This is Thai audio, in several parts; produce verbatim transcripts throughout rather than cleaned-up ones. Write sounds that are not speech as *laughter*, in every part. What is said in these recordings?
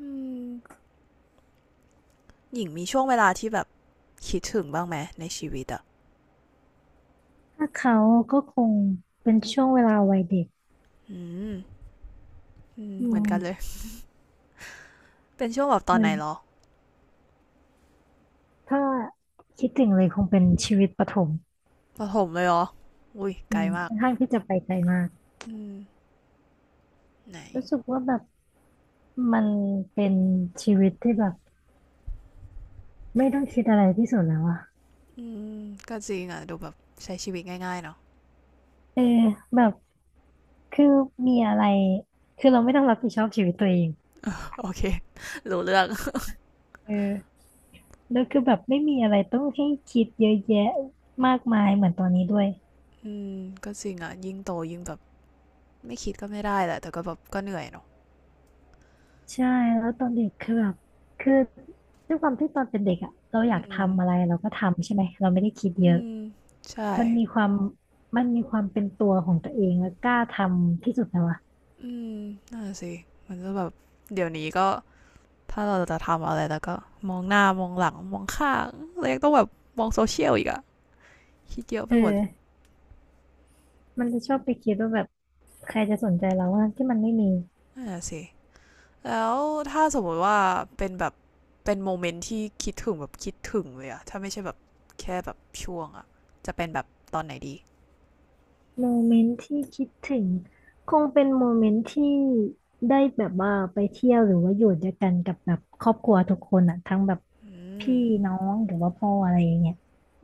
อืมหญิงมีช่วงเวลาที่แบบคิดถึงบ้างไหมในชีวิตอ่ะถ้าเขาก็คงเป็นช่วงเวลาวัยเด็กอืมอืมอืเหมือนมกันเลยเป็นช่วงแบบตอนมัไหนนเหรอถ้าคิดถึงเลยคงเป็นชีวิตประถมประถมเลยเหรออุ้ยอืไกลมมากค่อนข้างที่จะไปไกลมากอืมไหนรู้สึกว่าแบบมันเป็นชีวิตที่แบบไม่ต้องคิดอะไรที่สุดแล้วอะอืมก็จริงอ่ะดูแบบใช้ชีวิตง่ายๆเนาะ เออแบบคือมีอะไรคือเราไม่ต้องรับผิดชอบชีวิตตัวเอง *laughs* โอเครู้เรื่องเออแล้วคือแบบไม่มีอะไรต้องให้คิดเยอะแยะมากมายเหมือนตอนนี้ด้วย อืมก็จริงอ่ะยิ่งโตยิ่งแบบไม่คิดก็ไม่ได้แหละแต่ก็แบบก็เหนื่อยเนาะใช่แล้วตอนเด็กคือแบบคือด้วยความที่ตอนเป็นเด็กอ่ะเราออืยากมทำอะไรเราก็ทำใช่ไหมเราไม่ได้คิดเยอือะมใช่มันมีความมันมีความเป็นตัวของตัวเองแล้วกล้าทำที่สุดแล้วอะอืมนั่นน่ะสิมันก็แบบเดี๋ยวนี้ก็ ถ้าเราจะทำอะไรแล้วก็มองหน้ามองหลังมองข้างแล้วยังต้องแบบมองโซเชียลอีกอะคิดเยอะไปเอหมดอมันจะชอบไปคิดว่าแบบใครจะสนใจเราว่าที่มันไม่มีนั่นนะสิ แล้วถ้าสมมติว่าเป็นแบบเป็นโมเมนต์ที่คิดถึงแบบคิดถึงเลยอะถ้าไม่ใช่แบบแค่แบบช่วงอะจะเป็นแบบตอนไหนดีโมเมนต์ที่คิดถึงคงเป็นโมเมนต์ที่ได้แบบว่าไปเที่ยวหรือว่าอยู่ด้วยกันกับแบบครอบครัวทุกคนอ่ะทั้งแบบอืมพี่น้องหรือว่าพ่ออะไรอย่างเงี้ย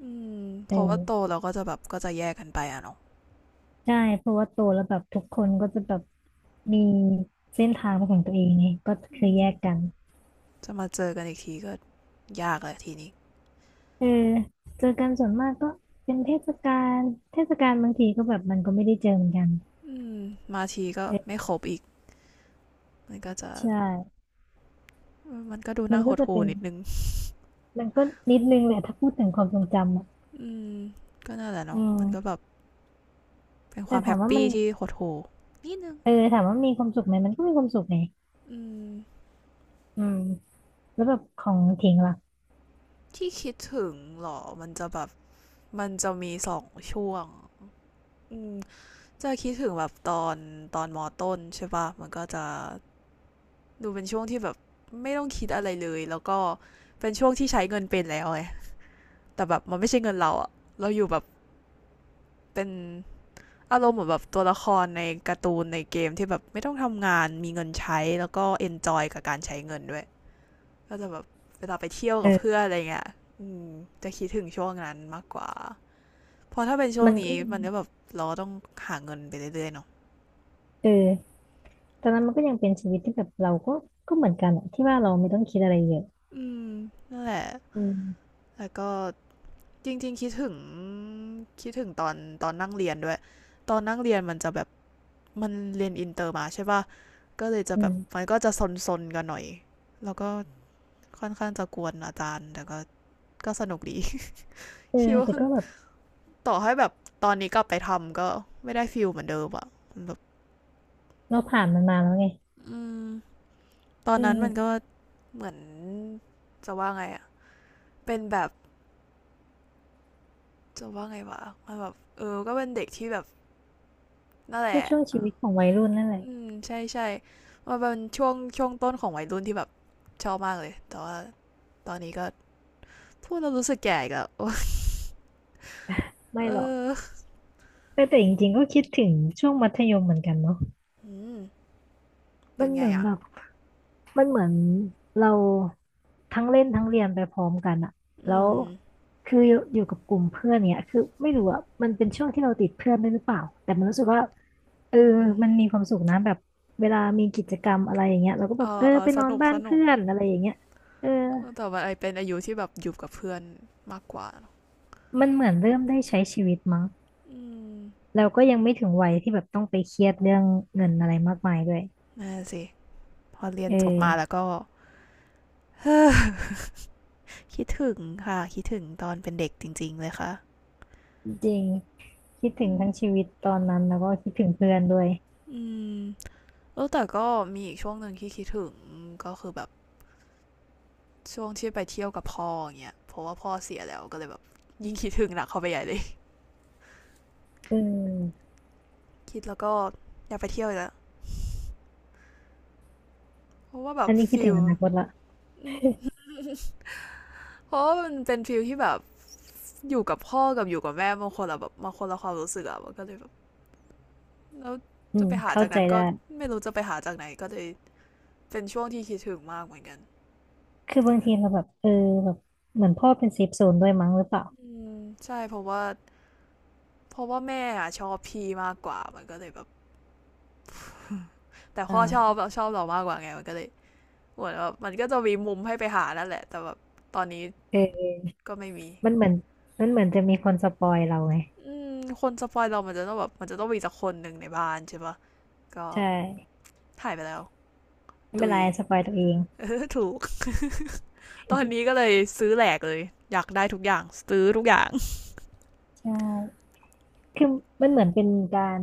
อืมเเพราะว่าโตออ เราก็จะแบบก็จะแยกกันไปอะเนาะใช่เพราะว่าโตแล้วแบบทุกคนก็จะแบบมีเส้นทางเป็นของตัวเองไงก็อืคือแยมกกันจะมาเจอกันอีกทีก็ยากเลยทีนี้เออเจอกันส่วนมากก็เป็นเทศกาลเทศกาลบางทีก็แบบมันก็ไม่ได้เจอเหมือนกันอืมมาทีก็เออไม่ครบอีกมันก็จะใช่มันก็ดูมัน่านหก็ดจะหู่เป็นนิดนึง มันก็นิดนึงแหละถ้าพูดถึงความทรงจำอ่ะอืมก็นั่นแหละอืเนาะมันก็แบมบเป็นคแต่วามแฮถามปว่ามัปี้นที่หดหู่นิดนึงเออถามว่ามีความสุขไหมมันก็มีความสุขไงอืมอืมแล้วแบบของทิ้งล่ะที่คิดถึงเหรอมันจะแบบมันจะมีสองช่วงอืมจะคิดถึงแบบตอนตอนมอต้นใช่ปะมันก็จะดูเป็นช่วงที่แบบไม่ต้องคิดอะไรเลยแล้วก็เป็นช่วงที่ใช้เงินเป็นแล้วไงแต่แบบมันไม่ใช่เงินเราอะเราอยู่แบบเป็นอารมณ์เหมือนแบบตัวละครในการ์ตูนในเกมที่แบบไม่ต้องทำงานมีเงินใช้แล้วก็เอนจอยกับการใช้เงินด้วย ก็จะแบบเวลาไปเที่ยวกับเพื่อเออนอะไรเงี้ยอืมจะคิดถึงช่วงนั้นมากกว่า เพราะถ้าเป็นช่วมังนก็นี้ยังมันก็แบบเราต้องหาเงินไปเรื่อยๆเนาะเออตอนนั้นมันก็ยังเป็นชีวิตที่แบบเราก็ก็เหมือนกันอะที่ว่าเราไม่ต้องคิดอะไรเยอะ อืมนั่นแหละอืมแล้วก็จริงๆคิดถึงคิดถึงตอนตอนนั่งเรียนด้วย ตอนนั่งเรียนมันจะแบบมันเรียนอินเตอร์มาใช่ป่ะก็เลยจะอืแบบมัมนก็จะซนๆกันหน่อยแล้วก็ค่อนข้างจะกวนอาจารย์แต่ก็ก็สนุกดี เอ *laughs* คิอดว่าแต่ก็แบบต่อให้แบบตอนนี้กลับไปทำก็ไม่ได้ฟิลเหมือนเดิมอะแบบ เราผ่านมันมาแล้วไงอืมตอเนนั้นมันก็ออเหมือนจะว่าไงอะเป็นแบบจะว่าไงวะมันแบบเออก็เป็นเด็กที่แบบนั่นแหก็ละช่วงชีวิตของวัยรุ่นนั่นแหละอืมใช่ใช่มันเป็นช่วงช่วงต้นของวัยรุ่นที่แบบชอบมากเลยแต่ว่าตอนนี้ก็พูดแล้วรู้สึกแก่อีกแล้วโอ๊ย ไม่ *laughs* เหรอกออแต่แต่จริงๆก็คิดถึงช่วงมัธยมเหมือนกันเนาะอืมมัเป็นนเหไงมือนอะแบบมันเหมือนเราทั้งเล่นทั้งเรียนไปพร้อมกันอะแล้อืวมคืออยู่อยู่กับกลุ่มเพื่อนเนี่ยคือไม่รู้อะมันเป็นช่วงที่เราติดเพื่อนด้วยหรือเปล่าแต่มันรู้สึกว่าเอออือหือมันมีความสุขนะแบบเวลามีกิจกรรมอะไรอย่างเงี้ยเราก็แบเอบเอออเออไปสนอนนุกบ้าสนนุเพื่กอนอะไรอย่างเงี้ยเออแต่ว่าไอเป็นอายุที่แบบอยู่กับเพื่อนมากกว่าเนอะมันเหมือนเริ่มได้ใช้ชีวิตมั้ง อืมเราก็ยังไม่ถึงวัยที่แบบต้องไปเครียดเรื่องเงินอะไรมากมายด้วยนั่นสิพอเรียเอนจบมาแล้วอก็ *sighs* คิดถึงค่ะคิดถึงตอนเป็นเด็กจริงๆเลยค่ะจริงคิดถึอืงมทั้งชีวิตตอนนั้นแล้วก็คิดถึงเพื่อนด้วยอแล้วแต่ก็มีอีกช่วงหนึ่งที่คิดถึงก็คือแบบช่วงที่ไปเที่ยวกับพ่ออย่างเงี้ยเพราะว่าพ่อเสียแล้วก็เลยแบบยิ่งคิดถึงหนักเข้าไปใหญ่เลยเออคิดแล้วก็อยากไปเที่ยวอีกแล้วเพราะว่าแบอับนนี้คิดฟิถึงล อนาคตละ *laughs* เพราะว่ามันเป็นฟิลที่แบบอยู่กับพ่อกับอยู่กับแม่บางคนอะแบบบางคนละความรู้สึกอะมันก็เลยแบบแล้วอืจะมไปหาเข้าจากใจนั้นได้ก็ไม่รู้จะไปหาจากไหนก็เลยเป็นช่วงที่คิดถึงมากเหมือนกันคือเจบาองกัทีน เราแบบเออแบบเหมือนพ่อเป็นเซฟโซนด้วยมั้งหรือเปล่าอืมใช่เพราะว่าเพราะว่าแม่อะชอบพี่มากกว่ามันก็เลยแบบแต่อ่าพ่อชอบเราชอบเรามากกว่าไงมันก็เลยเหมือนแบบมันก็จะมีมุมให้ไปหานั่นแหละแต่แบบตอนนี้เออก็ไม่มีมันเหมือนมันเหมือนจะมีคนสปอยเราไงอืมคนสปอยเรามันจะต้องแบบมันจะต้องมีสักคนหนึ่งในบ้านใช่ปะก็ใช่หายไปแล้วไม่เป็ตุนไรย สปอยตัวเอง *laughs* เออถูกตอนนี้ก็เลยซื้อแหลกเลยอยากได้ทุกอย่างซื้อทุกอย่างใช่คือมันเหมือนเป็นการ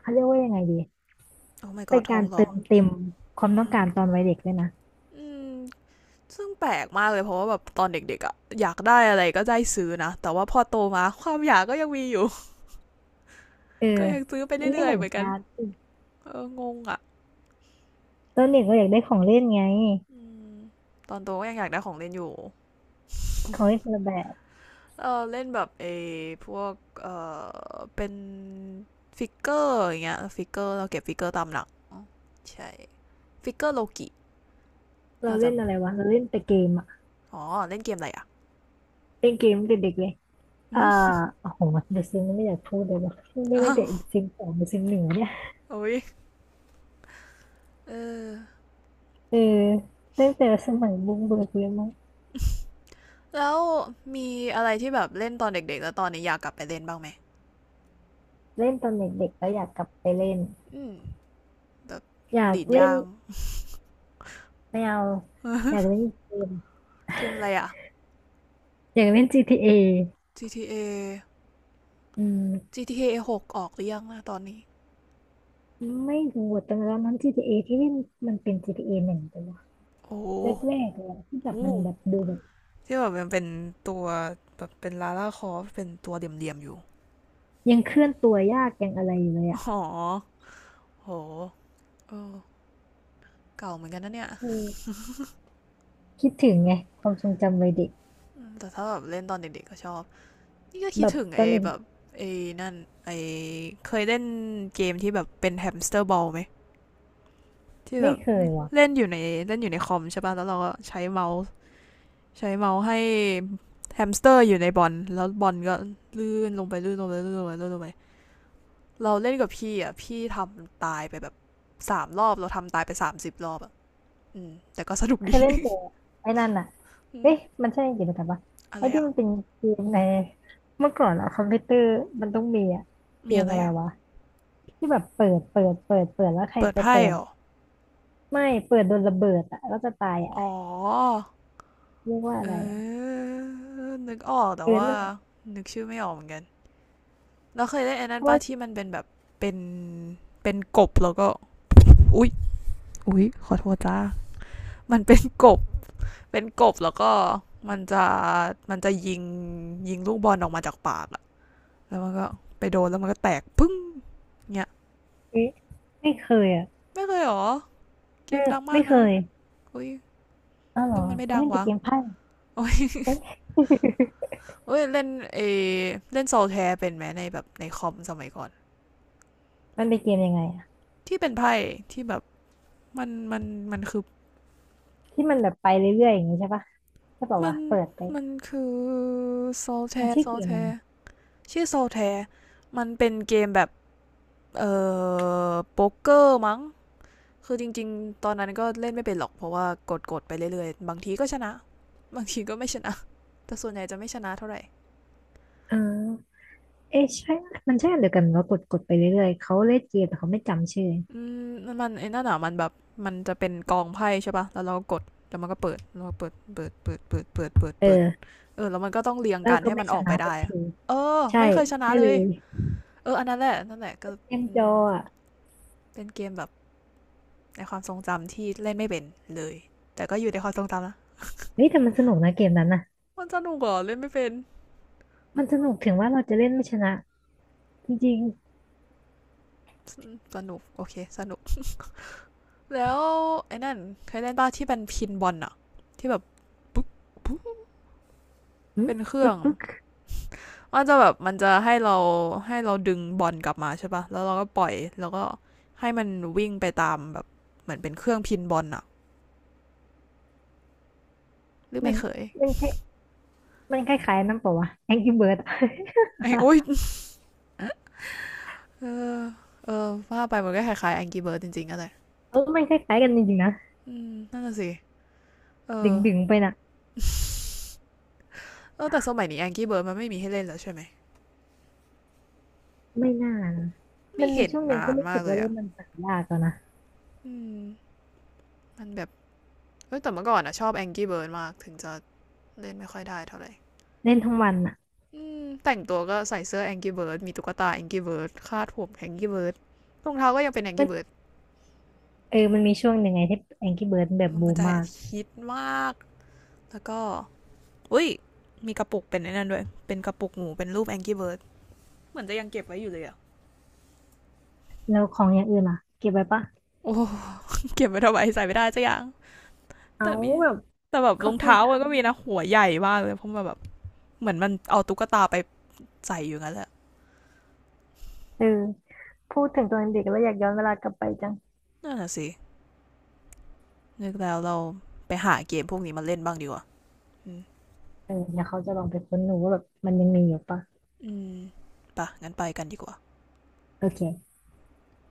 เขาเรียกว่ายังไงดีโอ้ my เป็น god ทกาอรงร้เติองมเต็มควาอืมอต้องหืการตอนวัยเด็กเลยนะ อืม ซึ่งแปลกมากเลยเพราะว่าแบบตอนเด็กๆอะอยากได้อะไรก็ได้ซื้อนะแต่ว่าพอโตมา *laughs* ความอยากก็ยังมีอยู่ เออ *laughs* ก็ยังซื้อไปมันไม่เรื่เหอยมืๆอนเหมือนกันการ์ดสิเอองงอ่ะตอนเด็กเราอยากได้ของเล่นไงอมตอนโตก็ยังอยากได้ของเล่นอยู่ ของเล่น *laughs* คนละแบบเออเล่นแบบเอพวกเออเป็นฟิกเกอร์อย่างเงี้ยฟิกเกอร์เราเก็บฟิกเกอร์ตามหลังใช่ฟิกเกอร์โลกิเราน่าจะเล่นอะไรวะเราเล่นแต่เกมอะอ๋อเล่นเกมอะไรอะ เล่นเกมตั้งแต่เด็กเลยอ่า *laughs* อโอ้โหเดอะซิมไม่อยากพูดเลยว่ะไม่ตั้งอ้าแต่วซิมสองหรือซิมหนึ่งวะเนี่ยโอ้ยเออเออตั้งแต่สมัยบุ้งเบิกเลยมั้งแล้วมีอะไรที่แบบเล่นตอนเด็กๆแล้วตอนนี้อยากกลับไปเล่นบ้างไหม เล่นตอนเด็กๆแล้วอยากกลับไปเล่นอืมแต่อยากดีดเล่นยาง ไม่เอาอยาก *laughs* เล่นเกมเกมอะไรอ่ะ อยากเล่น จี ที เอ อ จี ที เอ อืม จี ที เอ หกอจีทีเอหกออกหรือยังนะตอนนี้ไม่รู้แตตอนนั้น จี ที เอ ทีเอที่เล่นมันเป็น จี ที เอ หนึ่งแต่ว่าโอ้โหแรกๆเลยอะที่แบบอู้มันแบบดูแบบ ที่แบบมันเป็นตัวแบบเป็นลาล่าคอฟเป็นตัวเดี่ยมๆอยู่ยังเคลื่อนตัวยากยังอะไรอยู่เลยอ่ะอ๋อโหเออเก่าเหมือนกันนะเนี่ยอืมคิดถึงไงความทรงจำวัยเด็กอืมแต่ถ้าแบบเล่นตอนเด็กๆก็ชอบนี่ก็คิแบดบถึงตอนไอ้เด็กแบบไอ้นั่นไอ้เคยเล่นเกมที่แบบเป็นแฮมสเตอร์บอลไหมที่ไม่แบบเคยว่ะเล่นอยู่ในเล่นอยู่ในคอมใช่ป่ะแล้วเราก็ใช้เมาส์ ใช้เมาส์ให้แฮมสเตอร์อยู่ในบอลแล้วบอลก็ลื่นลงไปลื่นลงไปลื่นลงไปลื่นลงไปเราเล่นกับพี่อ่ะพี่ทำตายไปแบบสามรอบเราทำตายไปสามสิบรอบอ่ะอืมแต่ก็สนุกเคดี ยเล่นแต่ไอ้นั่นอ่ะ *laughs* เอ๊ะอมันใช่กิจกรรมปะะไอ้ไรที่อ่ะมันเป็นเกมในเมื่อก่อนอะคอมพิวเตอร์มันต้องมีอะเกมีมอะไรอะไรอ่ะวะที่แบบเปิดเปิดเปิดเปิดแล้วใครเปิดไปไพ่เปิเหดรอไม่เปิดโดนระเบิดอ่ะแล้วจะตายอ่ะอ๋อเรียกว่าอะเอไรอ่ะอนึกออกเอแต่อว่านั่นแหละนึกชื่อไม่ออกเหมือนกันเราเคยเล่นไอ้เพนั้นราะป้าว่าที่มันเป็นแบบเป็นเป็นกบแล้วก็อุ๊ยอุ๊ยขอโทษจ้ามันเป็นกบ เป็นกบแล้วก็มันจะมันจะยิงยิงลูกบอลออกมาจากปากอะแล้วมันก็ไปโดนแล้วมันก็แตกพึ่งเนี่ยเอ๊ะไม่เคยอ่ะไม่เคยหรอเกเออมดังมาไม่กเคนะยอุ้ยอ้าวเหรอนู่มันไม่เขาดังเล่นแต่วะเกมไพ่ โอ้ยโอ้ยเล่นเอเล่นโซลแทร์เป็นไหมในแบบในคอมสมัยก่อน *laughs* มันเป็นเกมยังไงอะ ที่เป็นไพ่ที่แบบมันมันมันคือที่มันแบบไปเรื่อยๆอย่างนี้ใช่ปะใช่ป่ามัวะนเปิดไปมันคือโซลแทมันชื่ร์อโซเกลมแทอะไรร์ชื่อโซลแทร์มันเป็นเกมแบบเออโป๊กเกอร์มั้ง คือจริงๆตอนนั้นก็เล่นไม่เป็นหรอกเพราะว่ากดๆไปเรื่อยๆบางทีก็ชนะบางทีก็ไม่ชนะแต่ส่วนใหญ่จะไม่ชนะเท่าไหร่เออเอ๊ะใช่มันใช่อันเดียวกันว่ากดกดไปเรื่อยๆเขาเล่นเกมแต่เขาไม่จำชื่ออืมมันไอ้นั่นอ่ะมันแบบมันจะเป็นกองไพ่ใช่ปะแล้วเราก็ดแล้วมันก็เปิดเราเปิดเปิดเปิดเปิดเปิดเปิดเปิดเออเออแล้วมันก็ต้องเรียงแล้วกันก็ให้ไม่มันชออกไปนะสัได้กทีเออใช่ไม่เคยชนะใช่เลเลยยเอออันนั้นแหละนั่นแหละก็เกมอืจอมอ่ะเป็นเกมแบบในความทรงจำที่เล่นไม่เป็นเลยแต่ก็อยู่ในความทรงจำนะเฮ้ยแต่มันสนุกนะเกมนั้นนะมันสนุกเหรอเล่นไม่เป็นมันสนุกถึงว่าเราจะเล่นไม่ชนะจริงสนุกโอเคสนุก แล้วไอ้นั่นเคยเล่นป้าที่เป็นพินบอลอะที่แบบปุ๊บปุ๊บๆหึเป็นเครื่ปึ๊อกงปึ๊กมันจะแบบมันจะให้เราให้เราดึงบอลกลับมาใช่ปะแล้วเราก็ปล่อยแล้วก็ให้มันวิ่งไปตามแบบเหมือนเป็นเครื่องพินบอลอะหรือมัไม่นเคย มันคล้ายมันคล้ายๆนั่นเปล่าวะ Angry Bird อะ *laughs* ไอ้โอ๊ย *laughs* เออเออว่าไปมันก็คล้ายๆแองกี้เบิร์ดจริงๆอะไรเออมันคล้ายๆกันจริงๆนะอืมนั่นน่ะสิเอดึอ งดึงไปนะ *laughs* เออแต่สมัยนี้แองกี้เบิร์ดมันไม่มีให้เล่นแล้วใช่ไหมไม่น่านะมัไม่นมีเห็นช่วงหนึ่งนาก็นรู้สึมากกเลว่ายเล่อะนมันหายากแล้วนะอืมมันแบบ เฮ้ยแต่เมื่อก่อนอะชอบ Angry Bird มากถึงจะเล่นไม่ค่อยได้เท่าไหร่เล่นทั้งวันอ่ะ แต่งตัวก็ใส่เสื้อ Angry Bird มีตุ๊กตา Angry Bird คาดผม Angry Bird รองเท้าก็ยังเป็น Angry Bird เออมันมีช่วงหนึ่งไงที่ แองกรี้ เบิร์ดส์ แบบบูเมันมจะมากฮิตมากแล้วก็อุ้ยมีกระปุกเป็นนั่นด้วยเป็นกระปุกหมูเป็นรูป Angry Bird เหมือนจะยังเก็บไว้อยู่เลยอะแล้วของอย่างอื่นอ่ะเก็บไว้ปะโอ้เก็บไว้ทำไมใส่ไม่ได้จะยัางเอาแต่มีแบบแต่แบบรเขาองคงเท้าจะมันก็มีนะหัวใหญ่มากเลยเพราะมันแบบเหมือนมันเอาตุ๊กตาไปใส่อยู่งั้นแหละเออพูดถึงตอนเด็กแล้วอยากย้อนเวลากลับไปจังนั่นน่ะสินึกแล้วเราไปหาเกมพวกนี้มาเล่นบ้างดีกว่า อืมเออเดี๋ยวเขาจะลองไปค้นดูว่าแบบมันยังมีอยู่ปะอืมปะงั้นไปกันดีกว่าโอเค